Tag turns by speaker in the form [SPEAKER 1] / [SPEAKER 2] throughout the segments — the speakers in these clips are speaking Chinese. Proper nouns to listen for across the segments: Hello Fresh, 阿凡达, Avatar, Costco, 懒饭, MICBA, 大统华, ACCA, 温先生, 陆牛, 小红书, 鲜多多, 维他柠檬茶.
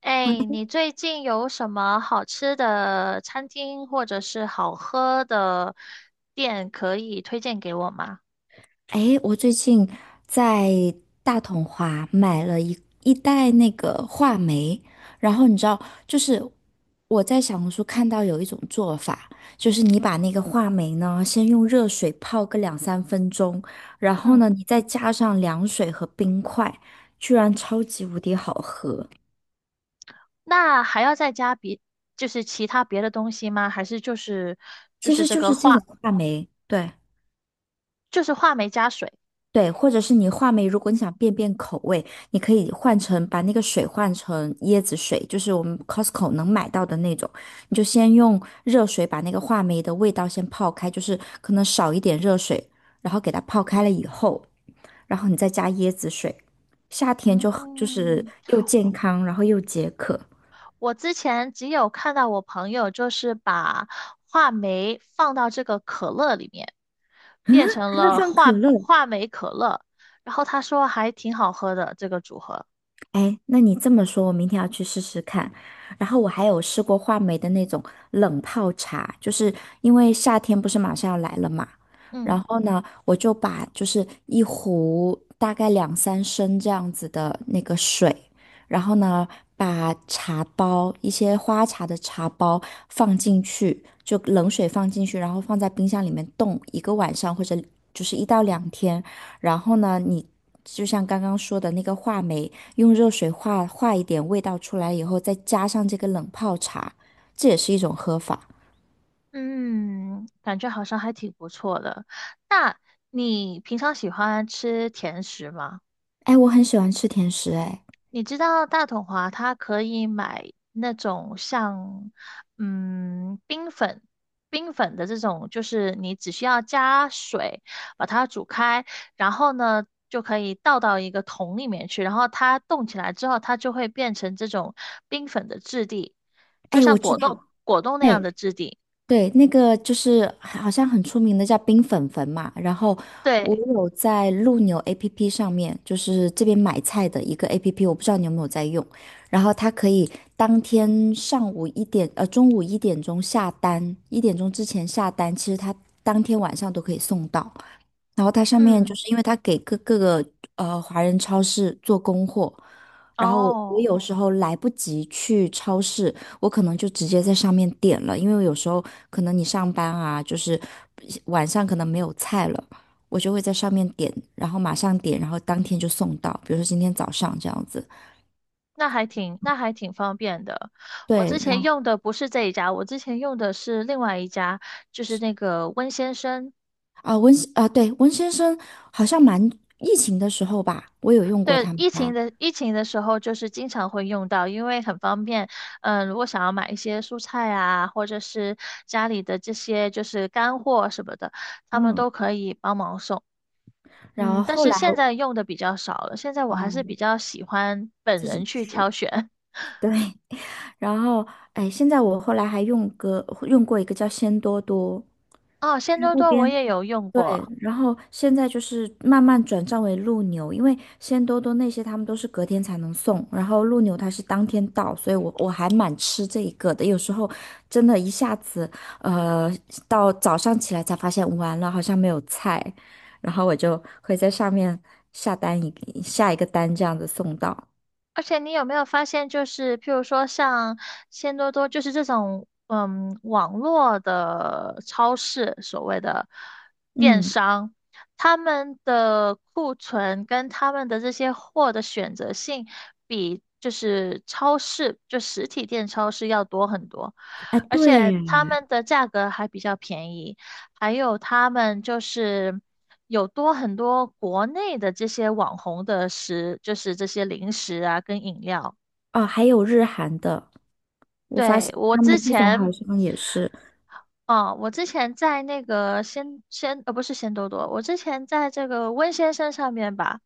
[SPEAKER 1] 哎，你最近有什么好吃的餐厅或者是好喝的店可以推荐给我吗？
[SPEAKER 2] 诶，我最近在大统华买了一袋那个话梅，然后你知道，就是我在小红书看到有一种做法，就是你把那个话梅呢，先用热水泡个两三分钟，然后
[SPEAKER 1] 嗯，
[SPEAKER 2] 呢，你再加上凉水和冰块，居然超级无敌好喝。
[SPEAKER 1] 那还要再加别，就是其他别的东西吗？还是就是就
[SPEAKER 2] 其
[SPEAKER 1] 是
[SPEAKER 2] 实
[SPEAKER 1] 这
[SPEAKER 2] 就
[SPEAKER 1] 个
[SPEAKER 2] 是这种
[SPEAKER 1] 话，
[SPEAKER 2] 话梅，对。
[SPEAKER 1] 就是话梅加水？
[SPEAKER 2] 对，或者是你话梅，如果你想变口味，你可以换成把那个水换成椰子水，就是我们 Costco 能买到的那种。你就先用热水把那个话梅的味道先泡开，就是可能少一点热水，然后给它泡开了以后，然后你再加椰子水，夏天就很就是
[SPEAKER 1] 嗯，
[SPEAKER 2] 又健康，然后又解渴，
[SPEAKER 1] 我之前只有看到我朋友就是把话梅放到这个可乐里面，变成
[SPEAKER 2] 还能
[SPEAKER 1] 了
[SPEAKER 2] 放可
[SPEAKER 1] 话
[SPEAKER 2] 乐。
[SPEAKER 1] 话梅可乐，然后他说还挺好喝的这个组合。
[SPEAKER 2] 哎，那你这么说，我明天要去试试看。然后我还有试过话梅的那种冷泡茶，就是因为夏天不是马上要来了嘛，
[SPEAKER 1] 嗯。
[SPEAKER 2] 然后呢，我就把就是一壶大概两三升这样子的那个水，然后呢，把茶包，一些花茶的茶包放进去，就冷水放进去，然后放在冰箱里面冻一个晚上或者就是一到两天，然后呢，你就像刚刚说的那个话梅。用热水化化一点味道出来以后，再加上这个冷泡茶，这也是一种喝法。
[SPEAKER 1] 嗯，感觉好像还挺不错的。那你平常喜欢吃甜食吗？
[SPEAKER 2] 哎，我很喜欢吃甜食，哎，
[SPEAKER 1] 你知道大统华它可以买那种像嗯冰粉、冰粉的这种，就是你只需要加水把它煮开，然后呢就可以倒到一个桶里面去，然后它冻起来之后，它就会变成这种冰粉的质地，就
[SPEAKER 2] 哎，
[SPEAKER 1] 像
[SPEAKER 2] 我知
[SPEAKER 1] 果冻
[SPEAKER 2] 道，
[SPEAKER 1] 果冻那
[SPEAKER 2] 哎，
[SPEAKER 1] 样的质地。
[SPEAKER 2] 对，那个就是好像很出名的叫冰粉粉嘛，然后我
[SPEAKER 1] 对，
[SPEAKER 2] 有在陆牛 APP 上面，就是这边买菜的一个 APP,我不知道你有没有在用，然后它可以当天上午一点，中午一点钟下单，一点钟之前下单，其实它当天晚上都可以送到，然后它上面就
[SPEAKER 1] 嗯，
[SPEAKER 2] 是因为它给各个华人超市做供货，然后我
[SPEAKER 1] 哦。
[SPEAKER 2] 有时候来不及去超市。我可能就直接在上面点了，因为有时候可能你上班啊，就是晚上可能没有菜了，我就会在上面点，然后马上点，然后当天就送到，比如说今天早上这样子。
[SPEAKER 1] 那还挺，那还挺方便的。我之
[SPEAKER 2] 对，
[SPEAKER 1] 前
[SPEAKER 2] 然后
[SPEAKER 1] 用的不是这一家，我之前用的是另外一家，就是那个温先生。
[SPEAKER 2] 啊温啊对温先生好像蛮疫情的时候吧，我有用过
[SPEAKER 1] 对，
[SPEAKER 2] 他们
[SPEAKER 1] 疫情
[SPEAKER 2] 家，
[SPEAKER 1] 的疫情的时候，就是经常会用到，因为很方便。如果想要买一些蔬菜啊，或者是家里的这些就是干货什么的，他们
[SPEAKER 2] 嗯，
[SPEAKER 1] 都可以帮忙送。
[SPEAKER 2] 然后
[SPEAKER 1] 嗯，但
[SPEAKER 2] 后
[SPEAKER 1] 是
[SPEAKER 2] 来
[SPEAKER 1] 现在用的比较少了，现在我还是比
[SPEAKER 2] 哦
[SPEAKER 1] 较喜欢本
[SPEAKER 2] 自
[SPEAKER 1] 人
[SPEAKER 2] 己
[SPEAKER 1] 去
[SPEAKER 2] 吃，
[SPEAKER 1] 挑选。
[SPEAKER 2] 对，然后哎现在我后来还用用过一个叫鲜多多。
[SPEAKER 1] 哦，
[SPEAKER 2] 他
[SPEAKER 1] 鲜多
[SPEAKER 2] 那
[SPEAKER 1] 多我
[SPEAKER 2] 边
[SPEAKER 1] 也有用
[SPEAKER 2] 对，
[SPEAKER 1] 过。
[SPEAKER 2] 然后现在就是慢慢转账为陆牛，因为鲜多多那些他们都是隔天才能送，然后陆牛它是当天到，所以我还蛮吃这一个的。有时候真的一下子，呃，到早上起来才发现完了，好像没有菜，然后我就会在上面下单一个下一个单这样子送到。
[SPEAKER 1] 而且你有没有发现，就是譬如说像鲜多多，就是这种网络的超市，所谓的电
[SPEAKER 2] 嗯，
[SPEAKER 1] 商，他们的库存跟他们的这些货的选择性，比就是超市就实体店超市要多很多，
[SPEAKER 2] 哎，
[SPEAKER 1] 而
[SPEAKER 2] 对
[SPEAKER 1] 且
[SPEAKER 2] 耶，
[SPEAKER 1] 他们的价格还比较便宜。还有他们就是有多很多国内的这些网红的食，就是这些零食啊跟饮料。
[SPEAKER 2] 哦，还有日韩的，我发
[SPEAKER 1] 对，
[SPEAKER 2] 现
[SPEAKER 1] 我
[SPEAKER 2] 他
[SPEAKER 1] 之
[SPEAKER 2] 们这种
[SPEAKER 1] 前，
[SPEAKER 2] 好像也是，
[SPEAKER 1] 哦，我之前在那个鲜鲜，呃，不是鲜多多，我之前在这个温先生上面吧，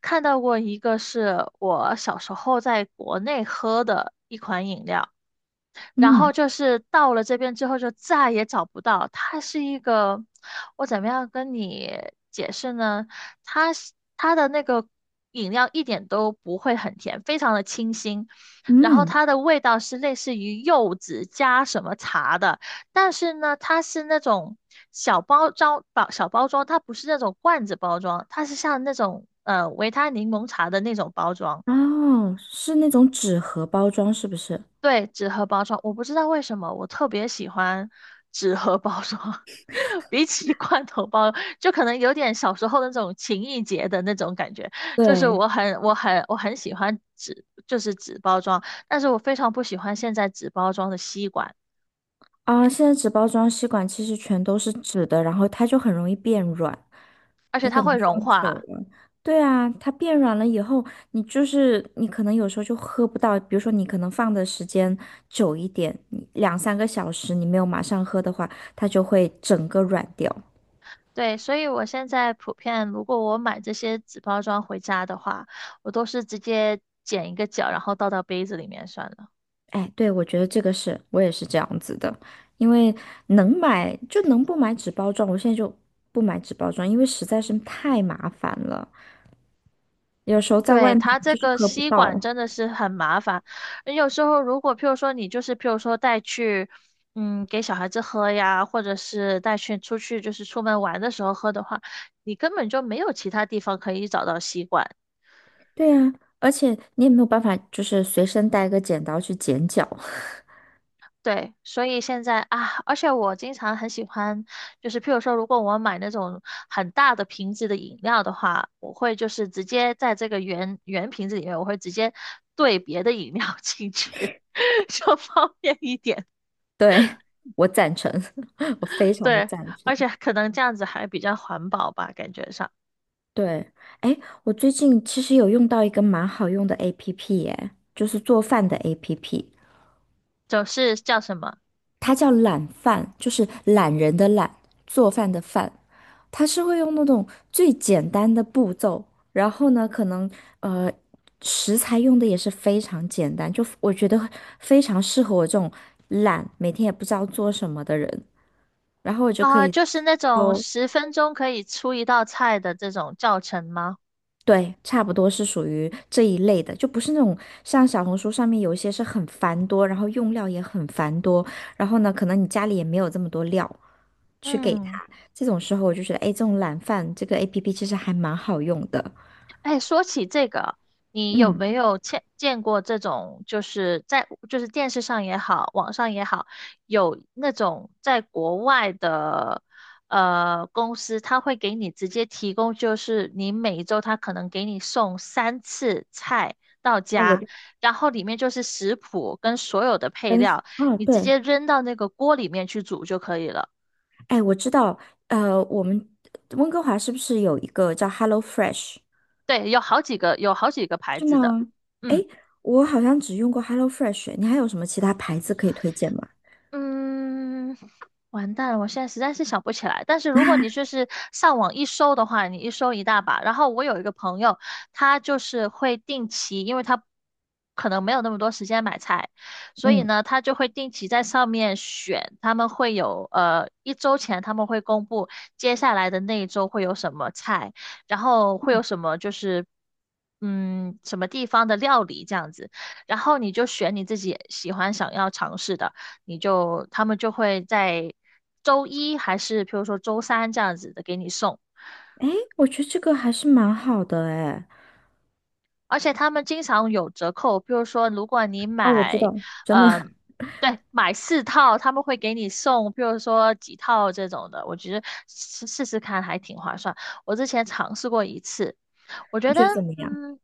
[SPEAKER 1] 看到过一个是我小时候在国内喝的。然
[SPEAKER 2] 嗯
[SPEAKER 1] 后就是到了这边之后就再也找不到。它是一个，我怎么样跟你解释呢？它是它的那个饮料一点都不会很甜，非常的清新，然后
[SPEAKER 2] 嗯。
[SPEAKER 1] 它的味道是类似于柚子加什么茶的，但是呢，它是那种小包装，它不是那种罐子包装，它是像那种维他柠檬茶的那种包装。
[SPEAKER 2] 哦，是那种纸盒包装，是不是？
[SPEAKER 1] 对，纸盒包装，我不知道为什么我特别喜欢纸盒包装，比起罐头包，就可能有点小时候那种情意结的那种感觉。就是
[SPEAKER 2] 对，
[SPEAKER 1] 我很喜欢纸，就是纸包装，但是我非常不喜欢现在纸包装的吸管，
[SPEAKER 2] 啊，现在纸包装吸管其实全都是纸的，然后它就很容易变软，
[SPEAKER 1] 而且
[SPEAKER 2] 你可
[SPEAKER 1] 它
[SPEAKER 2] 能
[SPEAKER 1] 会融
[SPEAKER 2] 放久
[SPEAKER 1] 化。
[SPEAKER 2] 了。对啊，它变软了以后，你就是你可能有时候就喝不到，比如说你可能放的时间久一点，你两三个小时你没有马上喝的话，它就会整个软掉。
[SPEAKER 1] 对，所以我现在普遍，如果我买这些纸包装回家的话，我都是直接剪一个角，然后倒到杯子里面算了。
[SPEAKER 2] 哎，对，我觉得这个是我也是这样子的，因为能买就能不买纸包装，我现在就不买纸包装，因为实在是太麻烦了，有时候在
[SPEAKER 1] 对，
[SPEAKER 2] 外面
[SPEAKER 1] 它这
[SPEAKER 2] 就是
[SPEAKER 1] 个
[SPEAKER 2] 喝不
[SPEAKER 1] 吸管
[SPEAKER 2] 到。
[SPEAKER 1] 真的是很麻烦。有时候如果譬如说你就是譬如说带去，嗯，给小孩子喝呀，或者是带去出去就是出门玩的时候喝的话，你根本就没有其他地方可以找到吸管。
[SPEAKER 2] 对呀，而且你也没有办法，就是随身带个剪刀去剪脚。
[SPEAKER 1] 对，所以现在啊，而且我经常很喜欢，就是譬如说，如果我买那种很大的瓶子的饮料的话，我会就是直接在这个圆圆瓶子里面，我会直接兑别的饮料进去，就方便一点。
[SPEAKER 2] 对，我赞成，我非常的
[SPEAKER 1] 对，
[SPEAKER 2] 赞
[SPEAKER 1] 而
[SPEAKER 2] 成。
[SPEAKER 1] 且可能这样子还比较环保吧，感觉上
[SPEAKER 2] 对，哎，我最近其实有用到一个蛮好用的 APP,哎，就是做饭的 APP。
[SPEAKER 1] 就是叫什么
[SPEAKER 2] 它叫懒饭，就是懒人的懒，做饭的饭。它是会用那种最简单的步骤，然后呢，可能呃食材用的也是非常简单，就我觉得非常适合我这种懒，每天也不知道做什么的人。然后我就可
[SPEAKER 1] 啊、
[SPEAKER 2] 以
[SPEAKER 1] 就是那种
[SPEAKER 2] 哦，
[SPEAKER 1] 10分钟可以出一道菜的这种教程吗？
[SPEAKER 2] 对，差不多是属于这一类的，就不是那种像小红书上面有一些是很繁多，然后用料也很繁多，然后呢，可能你家里也没有这么多料，去给他。
[SPEAKER 1] 嗯。
[SPEAKER 2] 这种时候我就觉得，哎，这种懒饭这个 APP 其实还蛮好用的。
[SPEAKER 1] 哎，说起这个，你有
[SPEAKER 2] 嗯，
[SPEAKER 1] 没有见过这种，就是在就是电视上也好，网上也好，有那种在国外的公司，他会给你直接提供，就是你每一周他可能给你送3次菜到
[SPEAKER 2] 那我
[SPEAKER 1] 家，
[SPEAKER 2] 就
[SPEAKER 1] 然后里面就是食谱跟所有的配
[SPEAKER 2] 跟
[SPEAKER 1] 料，
[SPEAKER 2] 啊，
[SPEAKER 1] 你直
[SPEAKER 2] 对，
[SPEAKER 1] 接扔到那个锅里面去煮就可以了。
[SPEAKER 2] 哎，我知道，我们温哥华是不是有一个叫 Hello Fresh?
[SPEAKER 1] 对，有好几个牌
[SPEAKER 2] 是
[SPEAKER 1] 子的，
[SPEAKER 2] 吗？哎，
[SPEAKER 1] 嗯。
[SPEAKER 2] 我好像只用过 Hello Fresh,你还有什么其他牌子可以推荐吗？
[SPEAKER 1] 嗯，完蛋了，我现在实在是想不起来。但是如果你就是上网一搜的话，你一搜一大把。然后我有一个朋友，他就是会定期，因为他可能没有那么多时间买菜，所以
[SPEAKER 2] 嗯，
[SPEAKER 1] 呢，他就会定期在上面选。他们会有一周前他们会公布接下来的那一周会有什么菜，然后会有什么就是什么地方的料理这样子，然后你就选你自己喜欢想要尝试的。你就他们就会在周一还是譬如说周三这样子的给你送，
[SPEAKER 2] 哎，我觉得这个还是蛮好的，哎。
[SPEAKER 1] 而且他们经常有折扣，譬如说如果你
[SPEAKER 2] 啊，我知
[SPEAKER 1] 买，
[SPEAKER 2] 道，真的，
[SPEAKER 1] 嗯，对，买4套他们会给你送，譬如说几套这种的，我觉得试试看还挺划算。我之前尝试过一次，我觉
[SPEAKER 2] 你
[SPEAKER 1] 得，
[SPEAKER 2] 觉得怎么样？
[SPEAKER 1] 嗯，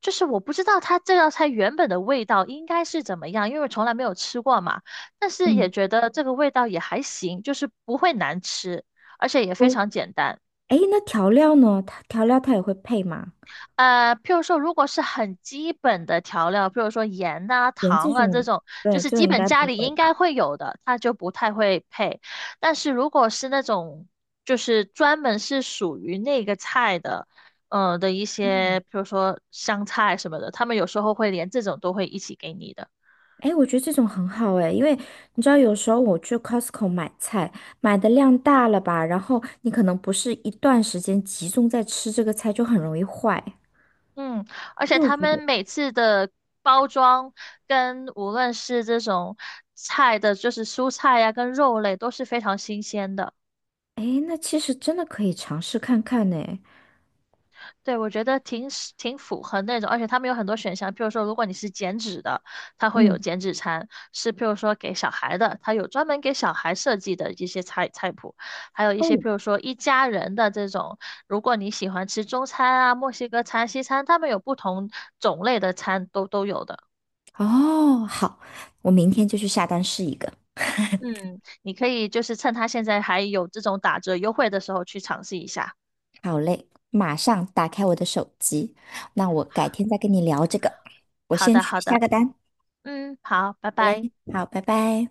[SPEAKER 1] 就是我不知道它这道菜原本的味道应该是怎么样，因为我从来没有吃过嘛。但是也
[SPEAKER 2] 嗯，
[SPEAKER 1] 觉得这个味道也还行，就是不会难吃，而且也非
[SPEAKER 2] 哦，
[SPEAKER 1] 常简单。
[SPEAKER 2] 哎，那调料呢？它调料它也会配吗？
[SPEAKER 1] 譬如说，如果是很基本的调料，譬如说盐呐、
[SPEAKER 2] 连这
[SPEAKER 1] 糖啊这
[SPEAKER 2] 种，
[SPEAKER 1] 种，就
[SPEAKER 2] 对，
[SPEAKER 1] 是
[SPEAKER 2] 这
[SPEAKER 1] 基
[SPEAKER 2] 种应
[SPEAKER 1] 本
[SPEAKER 2] 该
[SPEAKER 1] 家
[SPEAKER 2] 不
[SPEAKER 1] 里
[SPEAKER 2] 会
[SPEAKER 1] 应该
[SPEAKER 2] 吧？
[SPEAKER 1] 会有的，它就不太会配。但是如果是那种就是专门是属于那个菜的，的一
[SPEAKER 2] 嗯，
[SPEAKER 1] 些，譬如说香菜什么的，他们有时候会连这种都会一起给你的。
[SPEAKER 2] 哎，我觉得这种很好哎，因为你知道，有时候我去 Costco 买菜，买的量大了吧，然后你可能不是一段时间集中在吃这个菜，就很容易坏。
[SPEAKER 1] 嗯，而且
[SPEAKER 2] 所以我
[SPEAKER 1] 他
[SPEAKER 2] 觉
[SPEAKER 1] 们
[SPEAKER 2] 得，
[SPEAKER 1] 每次的包装跟无论是这种菜的，就是蔬菜呀、跟肉类都是非常新鲜的。
[SPEAKER 2] 哎，那其实真的可以尝试看看呢。
[SPEAKER 1] 对，我觉得挺是挺符合那种，而且他们有很多选项，譬如说，如果你是减脂的，它会有
[SPEAKER 2] 嗯，
[SPEAKER 1] 减脂餐，是譬如说给小孩的，它有专门给小孩设计的一些菜谱，还有一些
[SPEAKER 2] 哦，
[SPEAKER 1] 譬如说一家人的这种，如果你喜欢吃中餐啊、墨西哥餐、西餐，他们有不同种类的餐都有的。
[SPEAKER 2] 哦，好，我明天就去下单试一个。
[SPEAKER 1] 嗯，你可以就是趁他现在还有这种打折优惠的时候去尝试一下。
[SPEAKER 2] 好嘞，马上打开我的手机，那我改天再跟你聊这个。我
[SPEAKER 1] 好
[SPEAKER 2] 先
[SPEAKER 1] 的，
[SPEAKER 2] 去
[SPEAKER 1] 好
[SPEAKER 2] 下
[SPEAKER 1] 的，
[SPEAKER 2] 个单。
[SPEAKER 1] 嗯，好，拜
[SPEAKER 2] 好嘞，
[SPEAKER 1] 拜。
[SPEAKER 2] 好，拜拜。